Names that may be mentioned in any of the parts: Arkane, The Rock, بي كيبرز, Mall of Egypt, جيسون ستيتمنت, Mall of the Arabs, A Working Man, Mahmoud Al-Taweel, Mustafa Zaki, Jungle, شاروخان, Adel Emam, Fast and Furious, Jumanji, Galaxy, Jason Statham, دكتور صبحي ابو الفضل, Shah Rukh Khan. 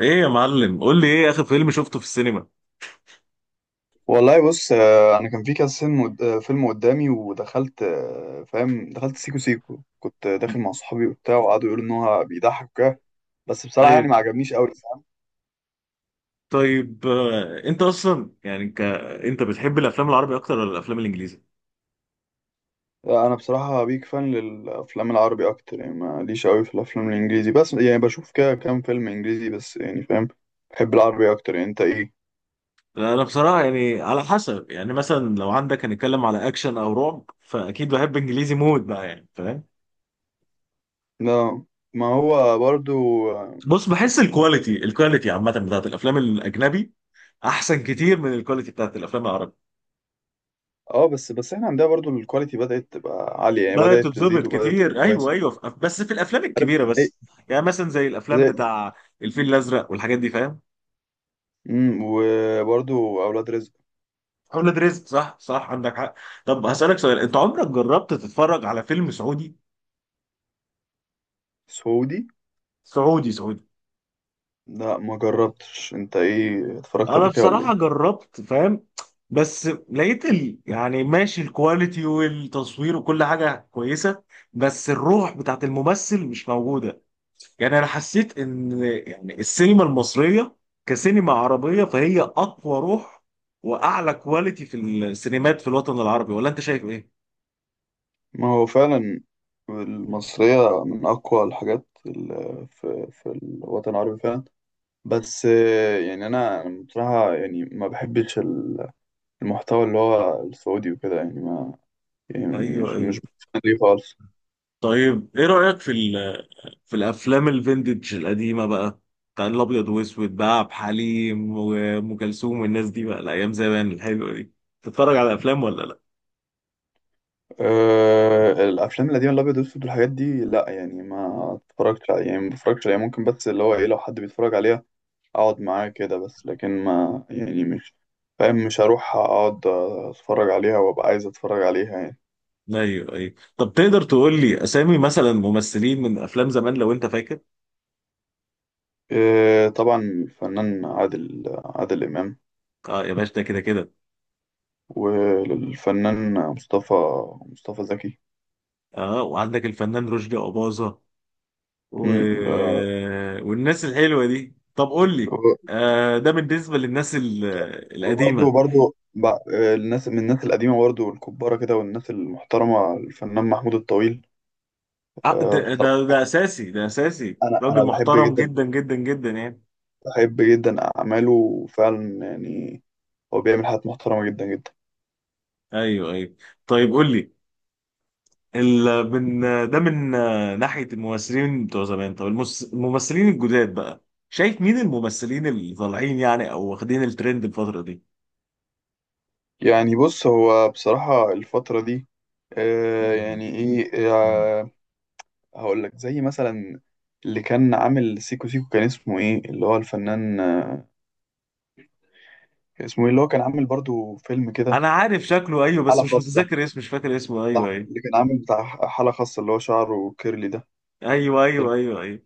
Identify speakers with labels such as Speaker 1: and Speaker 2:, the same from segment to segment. Speaker 1: ايه يا معلم، قول لي ايه اخر فيلم شفته في السينما؟
Speaker 2: والله بص، انا كان في كذا فيلم فيلم قدامي ودخلت، فاهم، دخلت سيكو سيكو كنت داخل مع صحابي وبتاع، وقعدوا يقولوا ان هو بيضحك وكده. بس بصراحه
Speaker 1: ايوه.
Speaker 2: يعني ما عجبنيش قوي، فاهم.
Speaker 1: طيب، انت اصلا يعني انت بتحب الافلام العربي اكتر ولا الافلام الانجليزي؟
Speaker 2: انا بصراحه بيك فان للافلام العربي اكتر، يعني ماليش قوي في الافلام الانجليزي، بس يعني بشوف كده كام فيلم انجليزي بس، يعني فاهم. بحب العربي اكتر، يعني انت ايه؟
Speaker 1: لا، انا بصراحه يعني على حسب، يعني مثلا لو عندك هنتكلم على اكشن او رعب فاكيد بحب انجليزي مود بقى يعني فاهم.
Speaker 2: لا. ما هو برضو. اه.
Speaker 1: بص، بحس الكواليتي عامه بتاعت الافلام الاجنبي احسن كتير من الكواليتي بتاعت الافلام العربي.
Speaker 2: بس بس احنا عندنا برضو الكواليتي بدأت تبقى عالية، يعني
Speaker 1: ده
Speaker 2: بدأت تزيد
Speaker 1: تتظبط
Speaker 2: وبدأت تبقى
Speaker 1: كتير، ايوه
Speaker 2: كويسة.
Speaker 1: ايوه، بس في الافلام
Speaker 2: عارف
Speaker 1: الكبيره
Speaker 2: ازاي.
Speaker 1: بس. يعني مثلا زي الافلام
Speaker 2: زي.
Speaker 1: بتاع الفيل الازرق والحاجات دي فاهم.
Speaker 2: وبرضو اولاد رزق.
Speaker 1: اولاد رزق، صح صح، عندك حق. طب هسألك سؤال، انت عمرك جربت تتفرج على فيلم سعودي؟
Speaker 2: سعودي.
Speaker 1: سعودي سعودي.
Speaker 2: لا ما جربتش، انت ايه اتفرجت
Speaker 1: انا
Speaker 2: قبل كده ولا
Speaker 1: بصراحة
Speaker 2: ايه؟
Speaker 1: جربت فاهم، بس لقيت يعني ماشي الكواليتي والتصوير وكل حاجة كويسة، بس الروح بتاعت الممثل مش موجودة. يعني انا حسيت ان يعني السينما المصرية كسينما عربية فهي اقوى روح واعلى كواليتي في السينمات في الوطن العربي، ولا انت شايف ايه؟
Speaker 2: ما هو فعلا. المصرية من اقوى الحاجات في الوطن العربي فعلا. بس يعني انا بصراحة يعني ما بحبش المحتوى اللي هو السعودي وكده، يعني ما، يعني
Speaker 1: ايوه
Speaker 2: مش
Speaker 1: ايوه.
Speaker 2: مش بتفهم ليه خالص.
Speaker 1: طيب، ايه رأيك في في الافلام الفينتج القديمه بقى، بتاع الابيض واسود بقى، عبد الحليم وام كلثوم والناس دي بقى، الايام زمان الحلوه دي، تتفرج على افلام ولا لا؟
Speaker 2: أه، الافلام القديمة الابيض والاسود والحاجات دي، لا يعني ما اتفرجتش عليها، يعني ما بتفرجش عليها، ممكن بس اللي هو ايه لو حد بيتفرج عليها اقعد معاه كده، بس لكن ما يعني مش فاهم، مش هروح اقعد اتفرج عليها وابقى عايز اتفرج عليها يعني.
Speaker 1: ايوه ايوه. طب تقدر تقول لي اسامي مثلا ممثلين من افلام زمان لو انت فاكر؟
Speaker 2: إيه، طبعا الفنان عادل امام.
Speaker 1: اه يا باشا، ده كده كده.
Speaker 2: والفنان مصطفى زكي.
Speaker 1: اه، وعندك الفنان رشدي اباظه، و...
Speaker 2: أمم، آه،
Speaker 1: والناس الحلوه دي. طب قول لي، آه، ده بالنسبه للناس
Speaker 2: وبرضه
Speaker 1: القديمه.
Speaker 2: برضه بع- الناس من الناس القديمة برضه الكبارة كده والناس المحترمة الفنان محمود الطويل.
Speaker 1: آه، ده, ده
Speaker 2: بصراحة
Speaker 1: ده اساسي، ده اساسي،
Speaker 2: أنا
Speaker 1: راجل
Speaker 2: أنا بحب
Speaker 1: محترم
Speaker 2: جدا
Speaker 1: جدا جدا جدا يعني.
Speaker 2: بحب جدا أعماله وفعلا يعني هو بيعمل حاجات محترمة جدا جدا.
Speaker 1: ايوه ايوه. طيب قول لي من، ده من ناحيه الممثلين بتوع زمان. طب الممثلين الجداد بقى، شايف مين الممثلين اللي طالعين يعني او واخدين الترند الفتره دي؟
Speaker 2: يعني بص، هو بصراحة الفترة دي
Speaker 1: مم.
Speaker 2: يعني ايه
Speaker 1: مم.
Speaker 2: هقول لك زي مثلا اللي كان عامل سيكو سيكو كان اسمه ايه، اللي هو الفنان، كان اسمه ايه، اللي هو كان عامل برضو فيلم كده،
Speaker 1: انا عارف شكله، ايوه، بس
Speaker 2: حالة
Speaker 1: مش
Speaker 2: خاصة.
Speaker 1: متذكر اسمه، مش فاكر اسمه،
Speaker 2: صح،
Speaker 1: ايوه ايوه
Speaker 2: اللي كان عامل بتاع حالة خاصة اللي هو شعره كيرلي ده.
Speaker 1: ايوه
Speaker 2: فيلم،
Speaker 1: ايوه ايوه ايوه.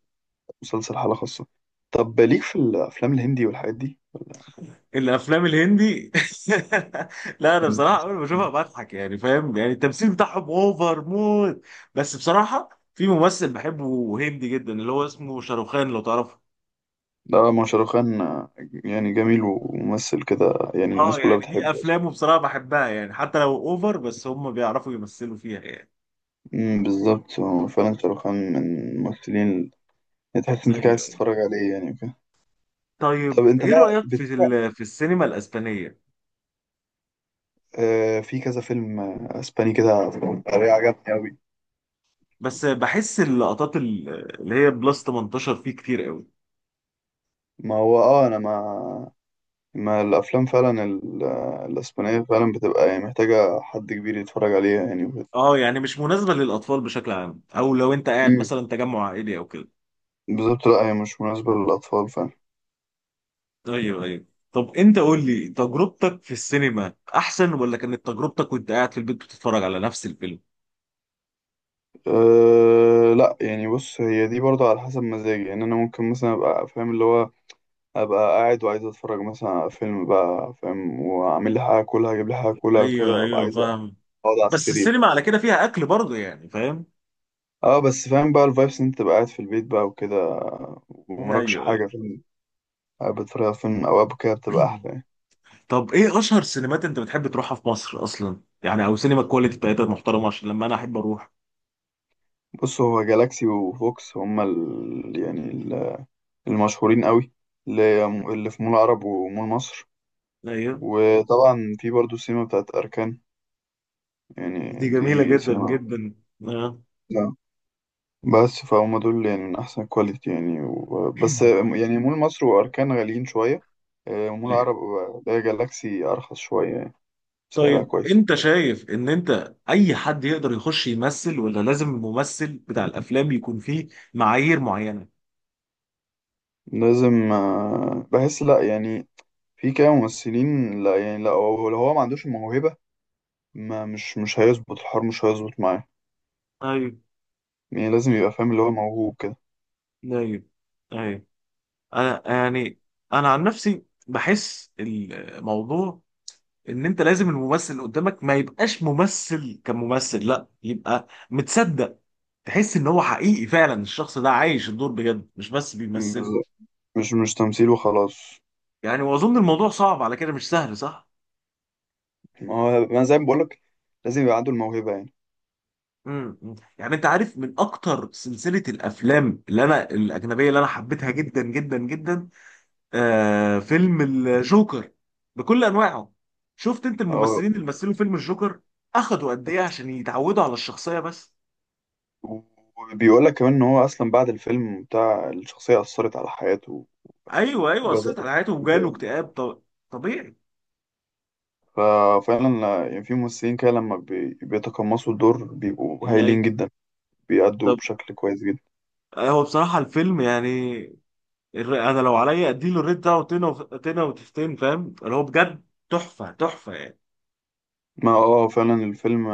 Speaker 2: مسلسل حالة خاصة. طب ليك في الأفلام الهندي والحاجات دي ولا؟
Speaker 1: الافلام الهندي لا، انا بصراحه اول
Speaker 2: المسلسلات
Speaker 1: ما بشوفها
Speaker 2: الهندي؟
Speaker 1: بضحك، يعني فاهم، يعني التمثيل بتاعهم اوفر موت، بس بصراحه في ممثل بحبه هندي جدا اللي هو اسمه شاروخان، لو تعرفه.
Speaker 2: ده ما شاروخان، يعني جميل وممثل كده، يعني
Speaker 1: اه،
Speaker 2: الناس كلها
Speaker 1: يعني دي
Speaker 2: بتحبه.
Speaker 1: افلامه بصراحه بحبها، يعني حتى لو اوفر بس هم بيعرفوا يمثلوا فيها يعني.
Speaker 2: بالظبط. هو فعلا شاروخ خان من الممثلين اللي تحس انت قاعد
Speaker 1: ايوه.
Speaker 2: تتفرج عليه يعني وكده.
Speaker 1: طيب،
Speaker 2: طب انت
Speaker 1: ايه
Speaker 2: بقى
Speaker 1: رايك في في السينما الاسبانيه؟
Speaker 2: في كذا فيلم اسباني كده بطريقة عجبني اوي.
Speaker 1: بس بحس اللقطات اللي هي بلس 18 فيه كتير قوي.
Speaker 2: ما هو، انا ما الافلام فعلا ال... آه، الاسبانية فعلا بتبقى يعني محتاجة حد كبير يتفرج عليها يعني وكده.
Speaker 1: اه، يعني مش مناسبه للاطفال بشكل عام، او لو انت قاعد
Speaker 2: أمم،
Speaker 1: مثلا تجمع عائلي او كده.
Speaker 2: بالظبط، لا هي مش مناسبة للأطفال فعلا.
Speaker 1: ايوه ايوه. طب انت قول لي تجربتك في السينما احسن، ولا كانت تجربتك وانت قاعد في البيت بتتفرج على نفس الفيلم؟
Speaker 2: أه لا، يعني بص، هي دي برضه على حسب مزاجي، يعني أنا ممكن مثلا أبقى فاهم اللي هو ابقى قاعد وعايز اتفرج مثلا على فيلم بقى فاهم، واعمل لي حاجه كلها اجيب لي حاجه كلها
Speaker 1: ايوه
Speaker 2: وكده، ابقى
Speaker 1: ايوه
Speaker 2: عايز اقعد
Speaker 1: فاهم.
Speaker 2: على
Speaker 1: بس
Speaker 2: السرير.
Speaker 1: السينما على كده فيها اكل برضه يعني فاهم.
Speaker 2: اه بس، فاهم بقى الفايبس إن انت تبقى قاعد في البيت بقى وكده،
Speaker 1: ايوه
Speaker 2: ومراكش حاجه
Speaker 1: ايوه.
Speaker 2: فيلم قاعد بتتفرج على فيلم او اب كده، بتبقى احلى يعني.
Speaker 1: طب ايه اشهر سينمات انت بتحب تروحها في مصر اصلا، يعني او سينما الكواليتي بتاعتها محترمه عشان لما انا احب اروح؟
Speaker 2: بص، هو جالاكسي وفوكس هما المشهورين قوي، اللي في مول العرب ومول مصر.
Speaker 1: ايوه،
Speaker 2: وطبعا في برضو السينما بتاعت اركان،
Speaker 1: دي
Speaker 2: يعني
Speaker 1: جميله
Speaker 2: دي
Speaker 1: جدا
Speaker 2: سينما.
Speaker 1: جدا. آه.
Speaker 2: نعم. بس فهم دول يعني من أحسن كواليتي يعني، بس يعني مول مصر وأركان غاليين شوية. مول عرب
Speaker 1: أيوة.
Speaker 2: ده جالاكسي أرخص شوية يعني، سعرها
Speaker 1: طيب،
Speaker 2: كويس.
Speaker 1: انت شايف ان انت اي حد يقدر يخش يمثل، ولا لازم الممثل بتاع الافلام يكون فيه معايير معينه؟
Speaker 2: لازم، بحس لأ يعني، في كده ممثلين لأ يعني، لأ هو لو هو ما عندوش الموهبة، ما مش هيظبط الحوار، مش هيظبط معاه،
Speaker 1: ايوه
Speaker 2: يعني لازم يبقى فاهم اللي هو موهوب كده.
Speaker 1: ايوه ايوه. انا يعني، انا عن نفسي بحس الموضوع ان انت لازم الممثل اللي قدامك ما يبقاش ممثل كممثل، لا يبقى متصدق، تحس ان هو حقيقي فعلا، الشخص ده عايش الدور بجد مش بس بيمثله.
Speaker 2: بالظبط. مش تمثيل وخلاص.
Speaker 1: يعني واظن الموضوع صعب على كده، مش سهل، صح؟
Speaker 2: ما هو ما زي ما بقولك لازم يبقى عنده الموهبة يعني.
Speaker 1: إمم. يعني انت عارف من اكتر سلسله الافلام اللي انا الاجنبيه اللي انا حبيتها جدا جدا جدا، فيلم الجوكر بكل انواعه. شفت انت
Speaker 2: أو.
Speaker 1: الممثلين اللي مثلوا فيلم الجوكر اخدوا قد ايه عشان يتعودوا على الشخصيه بس؟
Speaker 2: وبيقول لك كمان ان هو اصلا بعد الفيلم بتاع الشخصيه اثرت على حياته،
Speaker 1: ايوه ايوه،
Speaker 2: وبدا
Speaker 1: اثرت على حياته وجاله
Speaker 2: يبان.
Speaker 1: اكتئاب. طبيعي.
Speaker 2: ففعلا يعني في ممثلين كده لما بيتقمصوا الدور بيبقوا هايلين
Speaker 1: إن-
Speaker 2: جدا، بيأدوا
Speaker 1: طب
Speaker 2: بشكل كويس جدا.
Speaker 1: هو بصراحه الفيلم يعني، انا لو عليا اديله الريت ده وتنه تنه وتفتين فاهم، اللي هو بجد تحفه تحفه يعني.
Speaker 2: ما فعلا الفيلم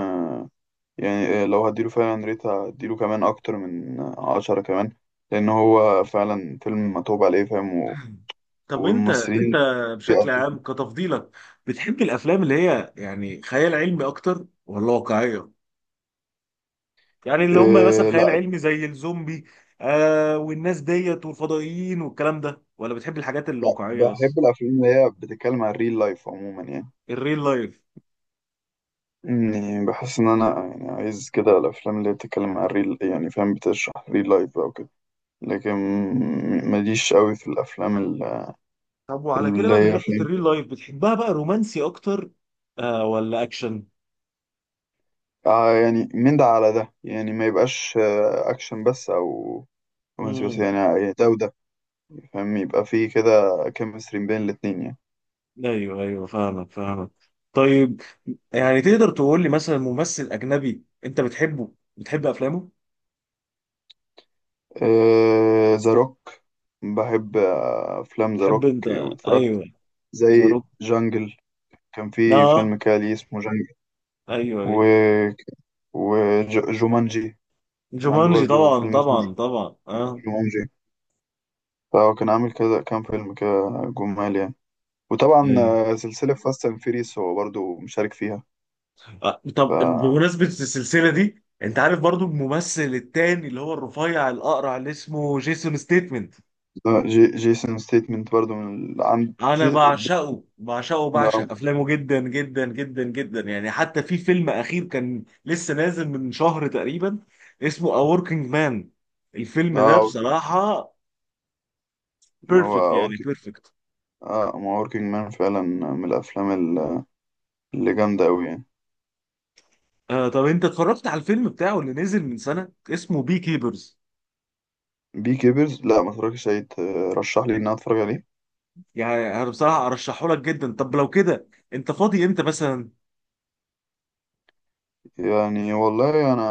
Speaker 2: يعني، لو هديله فعلا ريت هديله كمان اكتر من 10 كمان، لان هو فعلا فيلم متعوب عليه، فاهم،
Speaker 1: طب انت
Speaker 2: والممثلين
Speaker 1: بشكل
Speaker 2: بيأدوا.
Speaker 1: عام كتفضيلك بتحب الافلام اللي هي يعني خيال علمي اكتر، ولا واقعيه؟ يعني اللي هم مثلا
Speaker 2: إيه
Speaker 1: خيال
Speaker 2: لا،
Speaker 1: علمي زي الزومبي والناس ديت والفضائيين والكلام ده، ولا بتحب الحاجات الواقعيه بس؟
Speaker 2: بحب الافلام اللي هي بتتكلم عن الريل لايف عموما يعني،
Speaker 1: الريل لايف.
Speaker 2: يعني بحس ان انا يعني عايز كده الافلام اللي بتتكلم عن ريل، يعني فاهم، بتشرح ريل لايف او كده. لكن ماليش قوي في الافلام
Speaker 1: طب وعلى كده
Speaker 2: اللي
Speaker 1: بقى، من
Speaker 2: هي
Speaker 1: ناحية
Speaker 2: فاهم.
Speaker 1: الريل لايف، بتحبها بقى رومانسي أكتر ولا أكشن؟
Speaker 2: يعني من ده على ده يعني، ما يبقاش اكشن بس او رومانسي بس،
Speaker 1: امم.
Speaker 2: يعني يعني ده وده، فاهم، يبقى فيه كده كيمستري بين الاتنين يعني.
Speaker 1: أيوه أيوه فاهمك فاهمك. طيب، يعني تقدر تقول لي مثلا ممثل أجنبي أنت بتحب أفلامه؟
Speaker 2: ذا روك. بحب افلام ذا
Speaker 1: تحب
Speaker 2: روك،
Speaker 1: أنت؟
Speaker 2: واتفرجت
Speaker 1: أيوه. ذا
Speaker 2: زي
Speaker 1: روك.
Speaker 2: جانجل، كان في
Speaker 1: آه
Speaker 2: فيلم كالي اسمه جانجل،
Speaker 1: أيوه
Speaker 2: و
Speaker 1: أيوه.
Speaker 2: وجومانجي، كان عنده
Speaker 1: جومانجي،
Speaker 2: برضو
Speaker 1: طبعا
Speaker 2: فيلم اسمه
Speaker 1: طبعا طبعا آه.
Speaker 2: جومانجي، فهو كان عامل كذا كام فيلم كده جمال يعني. وطبعا
Speaker 1: أيوه.
Speaker 2: سلسلة فاست اند فيريس هو برضو مشارك فيها. ف
Speaker 1: طب بمناسبة السلسلة دي، أنت عارف برضو الممثل التاني اللي هو الرفيع الأقرع اللي اسمه جيسون ستيتمنت؟
Speaker 2: ده جيسون ستيتمنت برضو من ال- عن
Speaker 1: انا
Speaker 2: جي...
Speaker 1: بعشقه بعشقه
Speaker 2: ما
Speaker 1: بعشق افلامه جدا جدا جدا جدا يعني، حتى في فيلم اخير كان لسه نازل من شهر تقريبا اسمه A Working Man. الفيلم ده
Speaker 2: آه،
Speaker 1: بصراحة
Speaker 2: ما هو
Speaker 1: بيرفكت يعني
Speaker 2: أوركينج،
Speaker 1: بيرفكت.
Speaker 2: اه ما أوركينج مان فعلا من الأفلام ال- اللي جامدة أوي يعني.
Speaker 1: طب انت اتفرجت على الفيلم بتاعه اللي نزل من سنة اسمه بي كيبرز؟
Speaker 2: بي كيبرز لا، ما اتفرجتش عليه، ترشح لي إن أنا أتفرج عليه؟
Speaker 1: يعني انا بصراحة ارشحه لك جدا. طب لو كده انت فاضي امتى مثلا؟
Speaker 2: يعني والله انا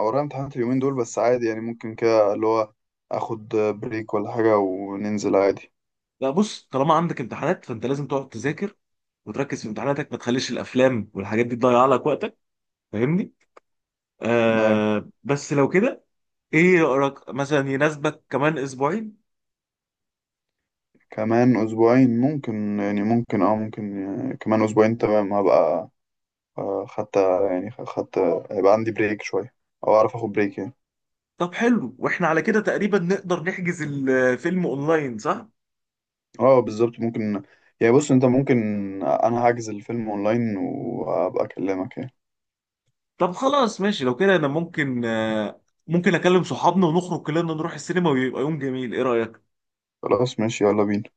Speaker 2: ورايا امتحانات اليومين دول، بس عادي يعني ممكن كده اللي هو اخد بريك ولا حاجة وننزل عادي.
Speaker 1: لا بص، طالما عندك امتحانات فانت لازم تقعد تذاكر وتركز في امتحاناتك، ما تخليش الافلام والحاجات دي تضيع لك وقتك فاهمني.
Speaker 2: نايم.
Speaker 1: بس لو كده ايه رأيك، مثلا يناسبك كمان اسبوعين؟
Speaker 2: كمان اسبوعين ممكن، يعني ممكن ممكن، يعني كمان اسبوعين تمام، هبقى خدت، يعني خدت، هيبقى عندي بريك شوية، او اعرف اخد بريك يعني.
Speaker 1: طب حلو، واحنا على كده تقريبا نقدر نحجز الفيلم اونلاين، صح؟
Speaker 2: اه بالظبط ممكن، يعني بص انت ممكن، انا هحجز الفيلم اونلاين وابقى اكلمك يعني.
Speaker 1: طب خلاص ماشي، لو كده انا ممكن، ممكن اكلم صحابنا ونخرج كلنا نروح السينما ويبقى يوم جميل، ايه رأيك؟
Speaker 2: خلاص ماشي، يلا بينا.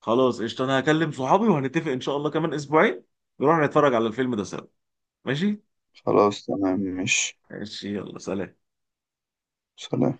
Speaker 1: خلاص قشطة، انا هكلم صحابي وهنتفق ان شاء الله كمان اسبوعين نروح نتفرج على الفيلم ده سوا. ماشي.
Speaker 2: خلاص تمام، ماشي.
Speaker 1: ماشي، يلا سلام.
Speaker 2: سلام.